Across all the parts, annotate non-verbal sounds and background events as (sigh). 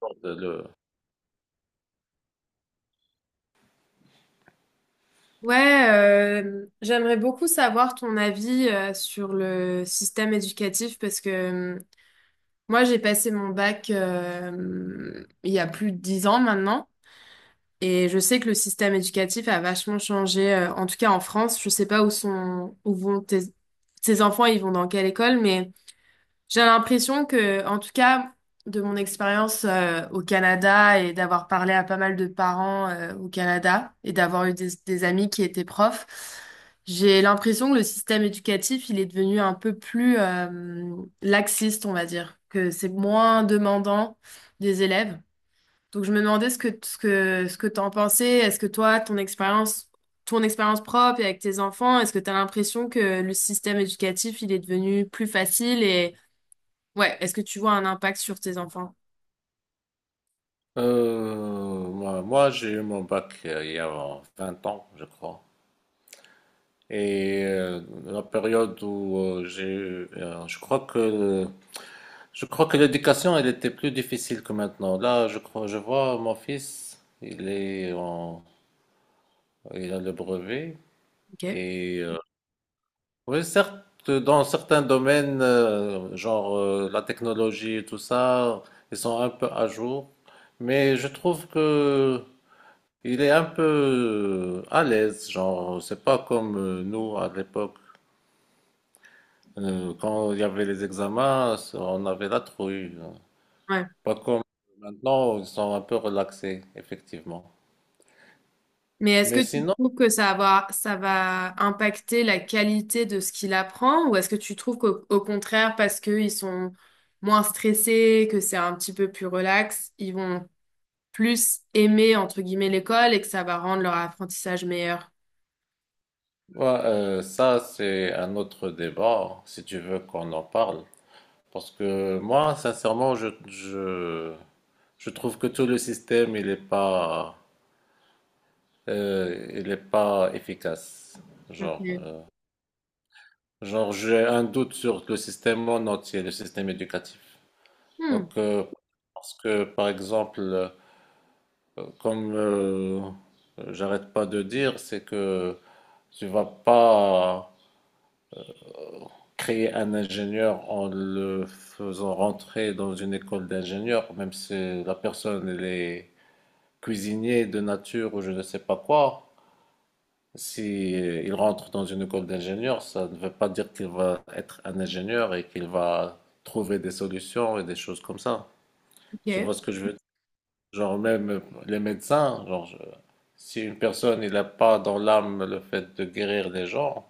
Bordel. Ouais, J'aimerais beaucoup savoir ton avis sur le système éducatif parce que moi j'ai passé mon bac il y a plus de 10 ans maintenant et je sais que le système éducatif a vachement changé, en tout cas en France. Je sais pas où vont tes enfants, ils vont dans quelle école, mais j'ai l'impression que, en tout cas, de mon expérience au Canada et d'avoir parlé à pas mal de parents au Canada et d'avoir eu des amis qui étaient profs, j'ai l'impression que le système éducatif, il est devenu un peu plus laxiste, on va dire, que c'est moins demandant des élèves. Donc je me demandais ce que t'en pensais. Est-ce que toi, ton expérience propre et avec tes enfants, est-ce que tu as l'impression que le système éducatif, il est devenu plus facile? Ouais, est-ce que tu vois un impact sur tes enfants? Moi, j'ai eu mon bac il y a 20 ans, je crois. Et la période où j'ai eu, je crois que l'éducation, elle était plus difficile que maintenant. Là, je crois, je vois mon fils, il a le brevet. Ok. Et oui, certes, dans certains domaines, genre la technologie et tout ça, ils sont un peu à jour. Mais je trouve que Il est un peu à l'aise, genre, c'est pas comme nous à l'époque. Quand il y avait les examens, on avait la trouille. Ouais. Pas comme maintenant, ils sont un peu relaxés, effectivement. Mais est-ce que Mais tu sinon, trouves que ça va impacter la qualité de ce qu'il apprend, ou est-ce que tu trouves qu'au au contraire, parce qu'ils sont moins stressés, que c'est un petit peu plus relax, ils vont plus aimer, entre guillemets, l'école, et que ça va rendre leur apprentissage meilleur? ouais, ça, c'est un autre débat, si tu veux qu'on en parle. Parce que moi, sincèrement, je trouve que tout le système, il est pas efficace. Genre, Ok. euh, Genre, j'ai un doute sur le système en entier, le système éducatif. Hmm, Donc, parce que, par exemple, comme j'arrête pas de dire, c'est que tu vas pas créer un ingénieur en le faisant rentrer dans une école d'ingénieur, même si la personne elle est cuisinier de nature ou je ne sais pas quoi. Si il rentre dans une école d'ingénieur, ça ne veut pas dire qu'il va être un ingénieur et qu'il va trouver des solutions et des choses comme ça. Tu ok. vois ce que je veux dire? Genre même les médecins, si une personne il n'a pas dans l'âme le fait de guérir les gens,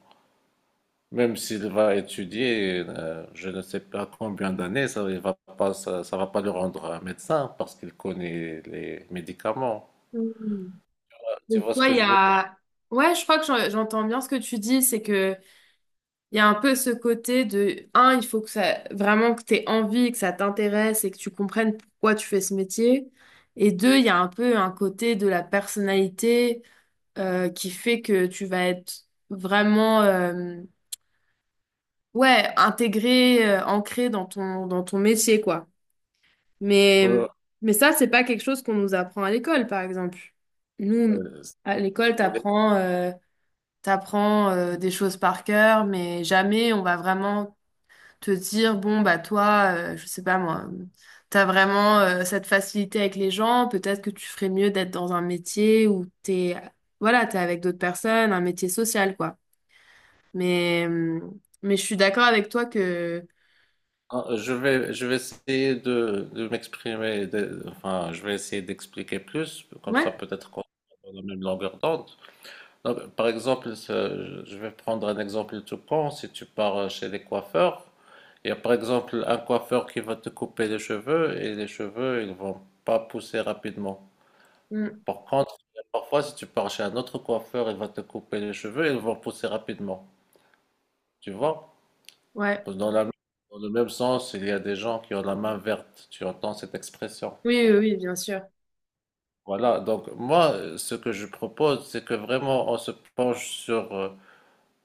même s'il va étudier, je ne sais pas combien d'années, ça va pas le rendre un médecin parce qu'il connaît les médicaments. Hmm. Tu Donc, vois ce toi, que il y je veux dire? a... Ouais, je crois que j'entends bien ce que tu dis, c'est que... Il y a un peu ce côté de, un, il faut que ça, vraiment que t'aies envie, que ça t'intéresse et que tu comprennes pourquoi tu fais ce métier. Et deux, il y a un peu un côté de la personnalité qui fait que tu vas être vraiment, ouais, intégré, ancré dans dans ton métier, quoi. Mais, Euh, mais ça, c'est pas quelque chose qu'on nous apprend à l'école, par exemple. Nous, euh, à l'école, t'apprends des choses par cœur, mais jamais on va vraiment te dire, bon, bah toi, je sais pas moi, t'as vraiment cette facilité avec les gens, peut-être que tu ferais mieux d'être dans un métier où t'es, voilà, t'es avec d'autres personnes, un métier social, quoi. Mais, euh, mais je suis d'accord avec toi que... Ah, je vais essayer de m'exprimer, enfin, je vais essayer d'expliquer plus, comme ça Ouais, peut-être qu'on est dans la même longueur d'onde. Non, mais par exemple, je vais prendre un exemple tout con. Si tu pars chez les coiffeurs, il y a par exemple un coiffeur qui va te couper les cheveux et les cheveux, ils vont pas pousser rapidement. mm, Par contre, parfois, si tu pars chez un autre coiffeur, il va te couper les cheveux et ils vont pousser rapidement. Tu vois? ouais, Dans la- dans le même sens, il y a des gens qui ont la main verte. Tu entends cette expression. oui, oui, oui, bien sûr. Voilà, donc moi, ce que je propose, c'est que vraiment on se penche sur euh,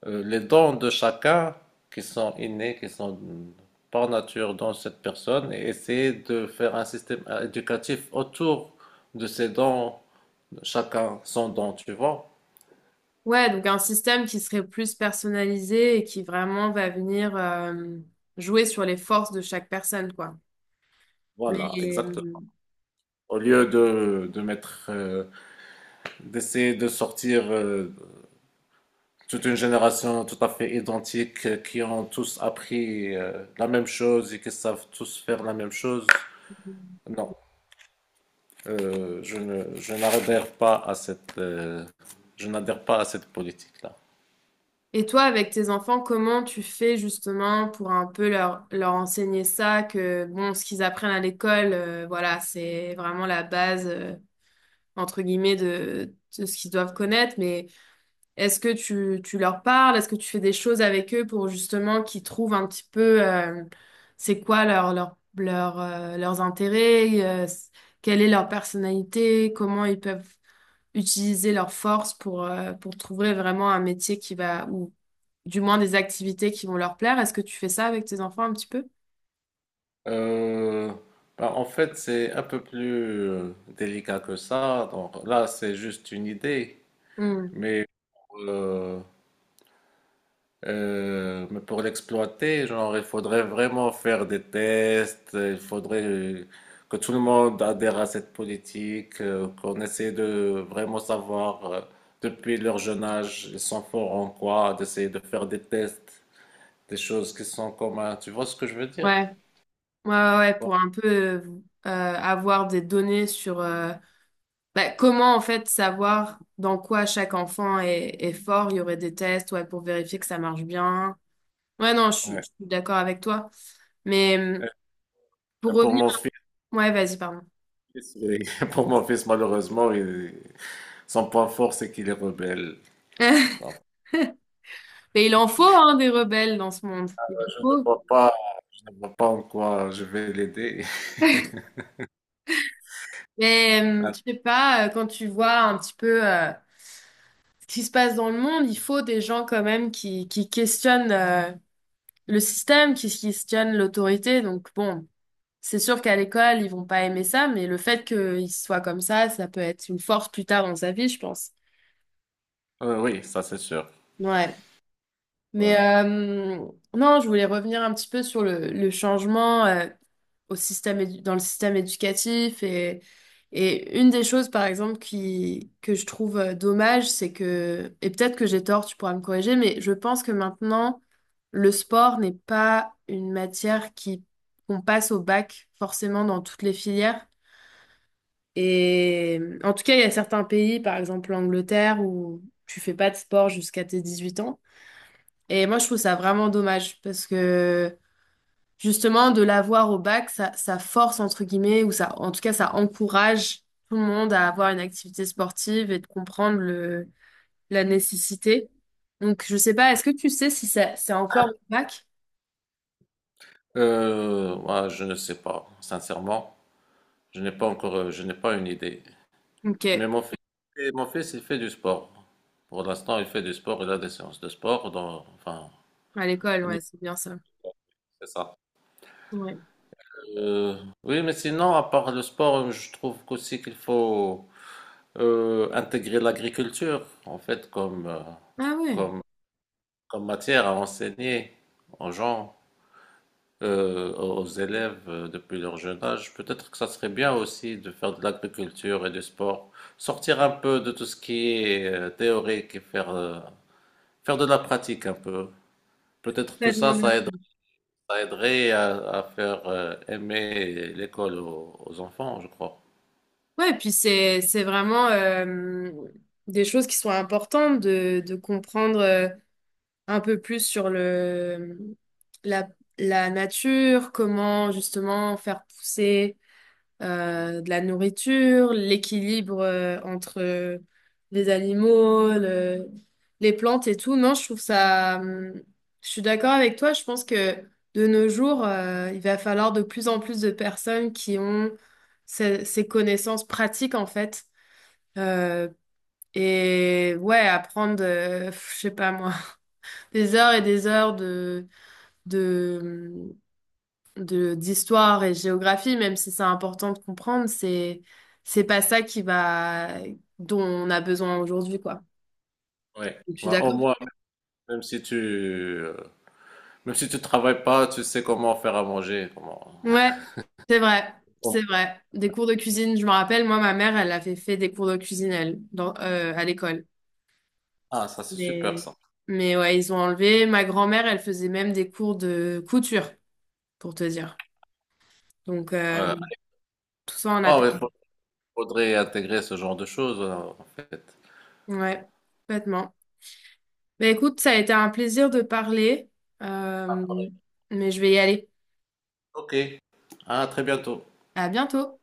euh, les dons de chacun qui sont innés, par nature dans cette personne, et essayer de faire un système éducatif autour de ces dons, chacun son don, tu vois. Ouais, donc un système qui serait plus personnalisé et qui vraiment va venir jouer sur les forces de chaque personne, quoi. Mais, Voilà, exactement. mm, Au lieu de mettre, d'essayer de sortir toute une génération tout à fait identique qui ont tous appris la même chose et qui savent tous faire la même chose. Non, je n'adhère pas à je n'adhère pas à cette politique-là. et toi, avec tes enfants, comment tu fais justement pour un peu leur enseigner ça, que bon, ce qu'ils apprennent à l'école, voilà, c'est vraiment la base, entre guillemets, de ce qu'ils doivent connaître, mais est-ce que tu leur parles? Est-ce que tu fais des choses avec eux pour justement qu'ils trouvent un petit peu, c'est quoi leurs intérêts, quelle est leur personnalité, comment ils peuvent utiliser leurs forces pour trouver vraiment un métier qui va, du moins des activités qui vont leur plaire. Est-ce que tu fais ça avec tes enfants un petit peu? Euh, Bah, en fait, c'est un peu plus délicat que ça. Donc, là, c'est juste une idée, Hmm. mais euh, mais pour l'exploiter, genre, il faudrait vraiment faire des tests, il faudrait que tout le monde adhère à cette politique, qu'on essaie de vraiment savoir depuis leur jeune âge, ils sont forts en quoi, d'essayer de faire des tests, des choses qui sont communes. Tu vois ce que je veux dire? Ouais, ouais, ouais, ouais, pour un peu euh, avoir des données sur bah, comment en fait savoir dans quoi chaque enfant est fort. Il y aurait des tests, ouais, pour vérifier que ça marche bien. Ouais, non, je Ouais. suis d'accord avec toi. Mais pour Et pour revenir, mon fils, ouais, vas-y, pardon. oui. (laughs) Pour mon fils, malheureusement, son point fort, c'est qu'il est rebelle. (laughs) Donc, Mais il en faut hein, des rebelles dans ce monde. euh, Il je ne faut. vois pas, je ne vois pas en quoi je vais l'aider. (laughs) Mais je sais pas, quand tu vois un petit peu. Qu'est-ce qui se passe dans le monde, il faut des gens quand même qui questionnent le système, qui questionnent l'autorité. Donc bon, c'est sûr qu'à l'école, ils vont pas aimer ça, mais le fait qu'ils soient comme ça peut être une force plus tard dans sa vie, je pense. Oui, ça c'est sûr. Ouais. Mais Voilà. euh, non, je voulais revenir un petit peu sur le changement au dans le système éducatif. Et une des choses, par exemple, que je trouve dommage, c'est que, et peut-être que j'ai tort, tu pourras me corriger, mais je pense que maintenant, le sport n'est pas une matière qui, qu'on passe au bac forcément dans toutes les filières. Et en tout cas, il y a certains pays, par exemple l'Angleterre, où tu fais pas de sport jusqu'à tes 18 ans. Et moi, je trouve ça vraiment dommage parce que justement, de l'avoir au bac, ça force, entre guillemets, ou ça, en tout cas, ça encourage tout le monde à avoir une activité sportive et de comprendre la nécessité. Donc, je sais pas, est-ce que tu sais si ça, c'est encore au bac? Moi, je ne sais pas, sincèrement. Je n'ai pas encore, je n'ai pas une idée. Ok, Mais mon fils, il fait du sport. Pour l'instant, il fait du sport, il a des séances de sport. Enfin, à l'école, on y- ouais, c'est bien ça. c'est ça. Ouais. Euh, oui, mais sinon, à part le sport, je trouve qu'aussi qu'il faut intégrer l'agriculture, en fait, Ah ouais, comme, comme matière à enseigner aux gens. Aux élèves depuis leur jeune âge, peut-être que ça serait bien aussi de faire de l'agriculture et du sport, sortir un peu de tout ce qui est théorique et faire de la pratique un peu. Peut-être que complètement bien. Ça aiderait à faire aimer l'école aux, aux enfants, je crois. Ouais, et puis c'est vraiment des choses qui sont importantes de comprendre. Un peu plus sur la, la nature, comment justement faire pousser de la nourriture, l'équilibre entre les animaux, les plantes et tout. Non, je trouve ça... je suis d'accord avec toi, je pense que de nos jours, il va falloir de plus en plus de personnes qui ont ces connaissances pratiques en fait. Euh, et ouais, apprendre, pff, je sais pas moi, (laughs) des heures et des heures de, d'histoire et géographie, même si c'est important de comprendre, c'est pas ça qui va, dont on a besoin aujourd'hui, quoi. Oui. Je suis Ouais, au d'accord? moins, même si tu, euh, même si tu travailles pas, tu sais comment faire à manger, comment... Ouais, c'est vrai, Bon. c'est vrai. Des cours de cuisine, je me rappelle, moi, ma mère, elle avait fait des cours de cuisine, elle, à l'école. Ah, ça c'est super Mais, ça. mais ouais, ils ont enlevé. Ma grand-mère, elle faisait même des cours de couture, pour te dire. Donc, Ouais, tout ça, on a... ouais, ouais, faudrait intégrer ce genre de choses en fait. Ouais, complètement. Bah écoute, ça a été un plaisir de parler, euh, Après. mais je vais y aller. OK. À très bientôt. À bientôt.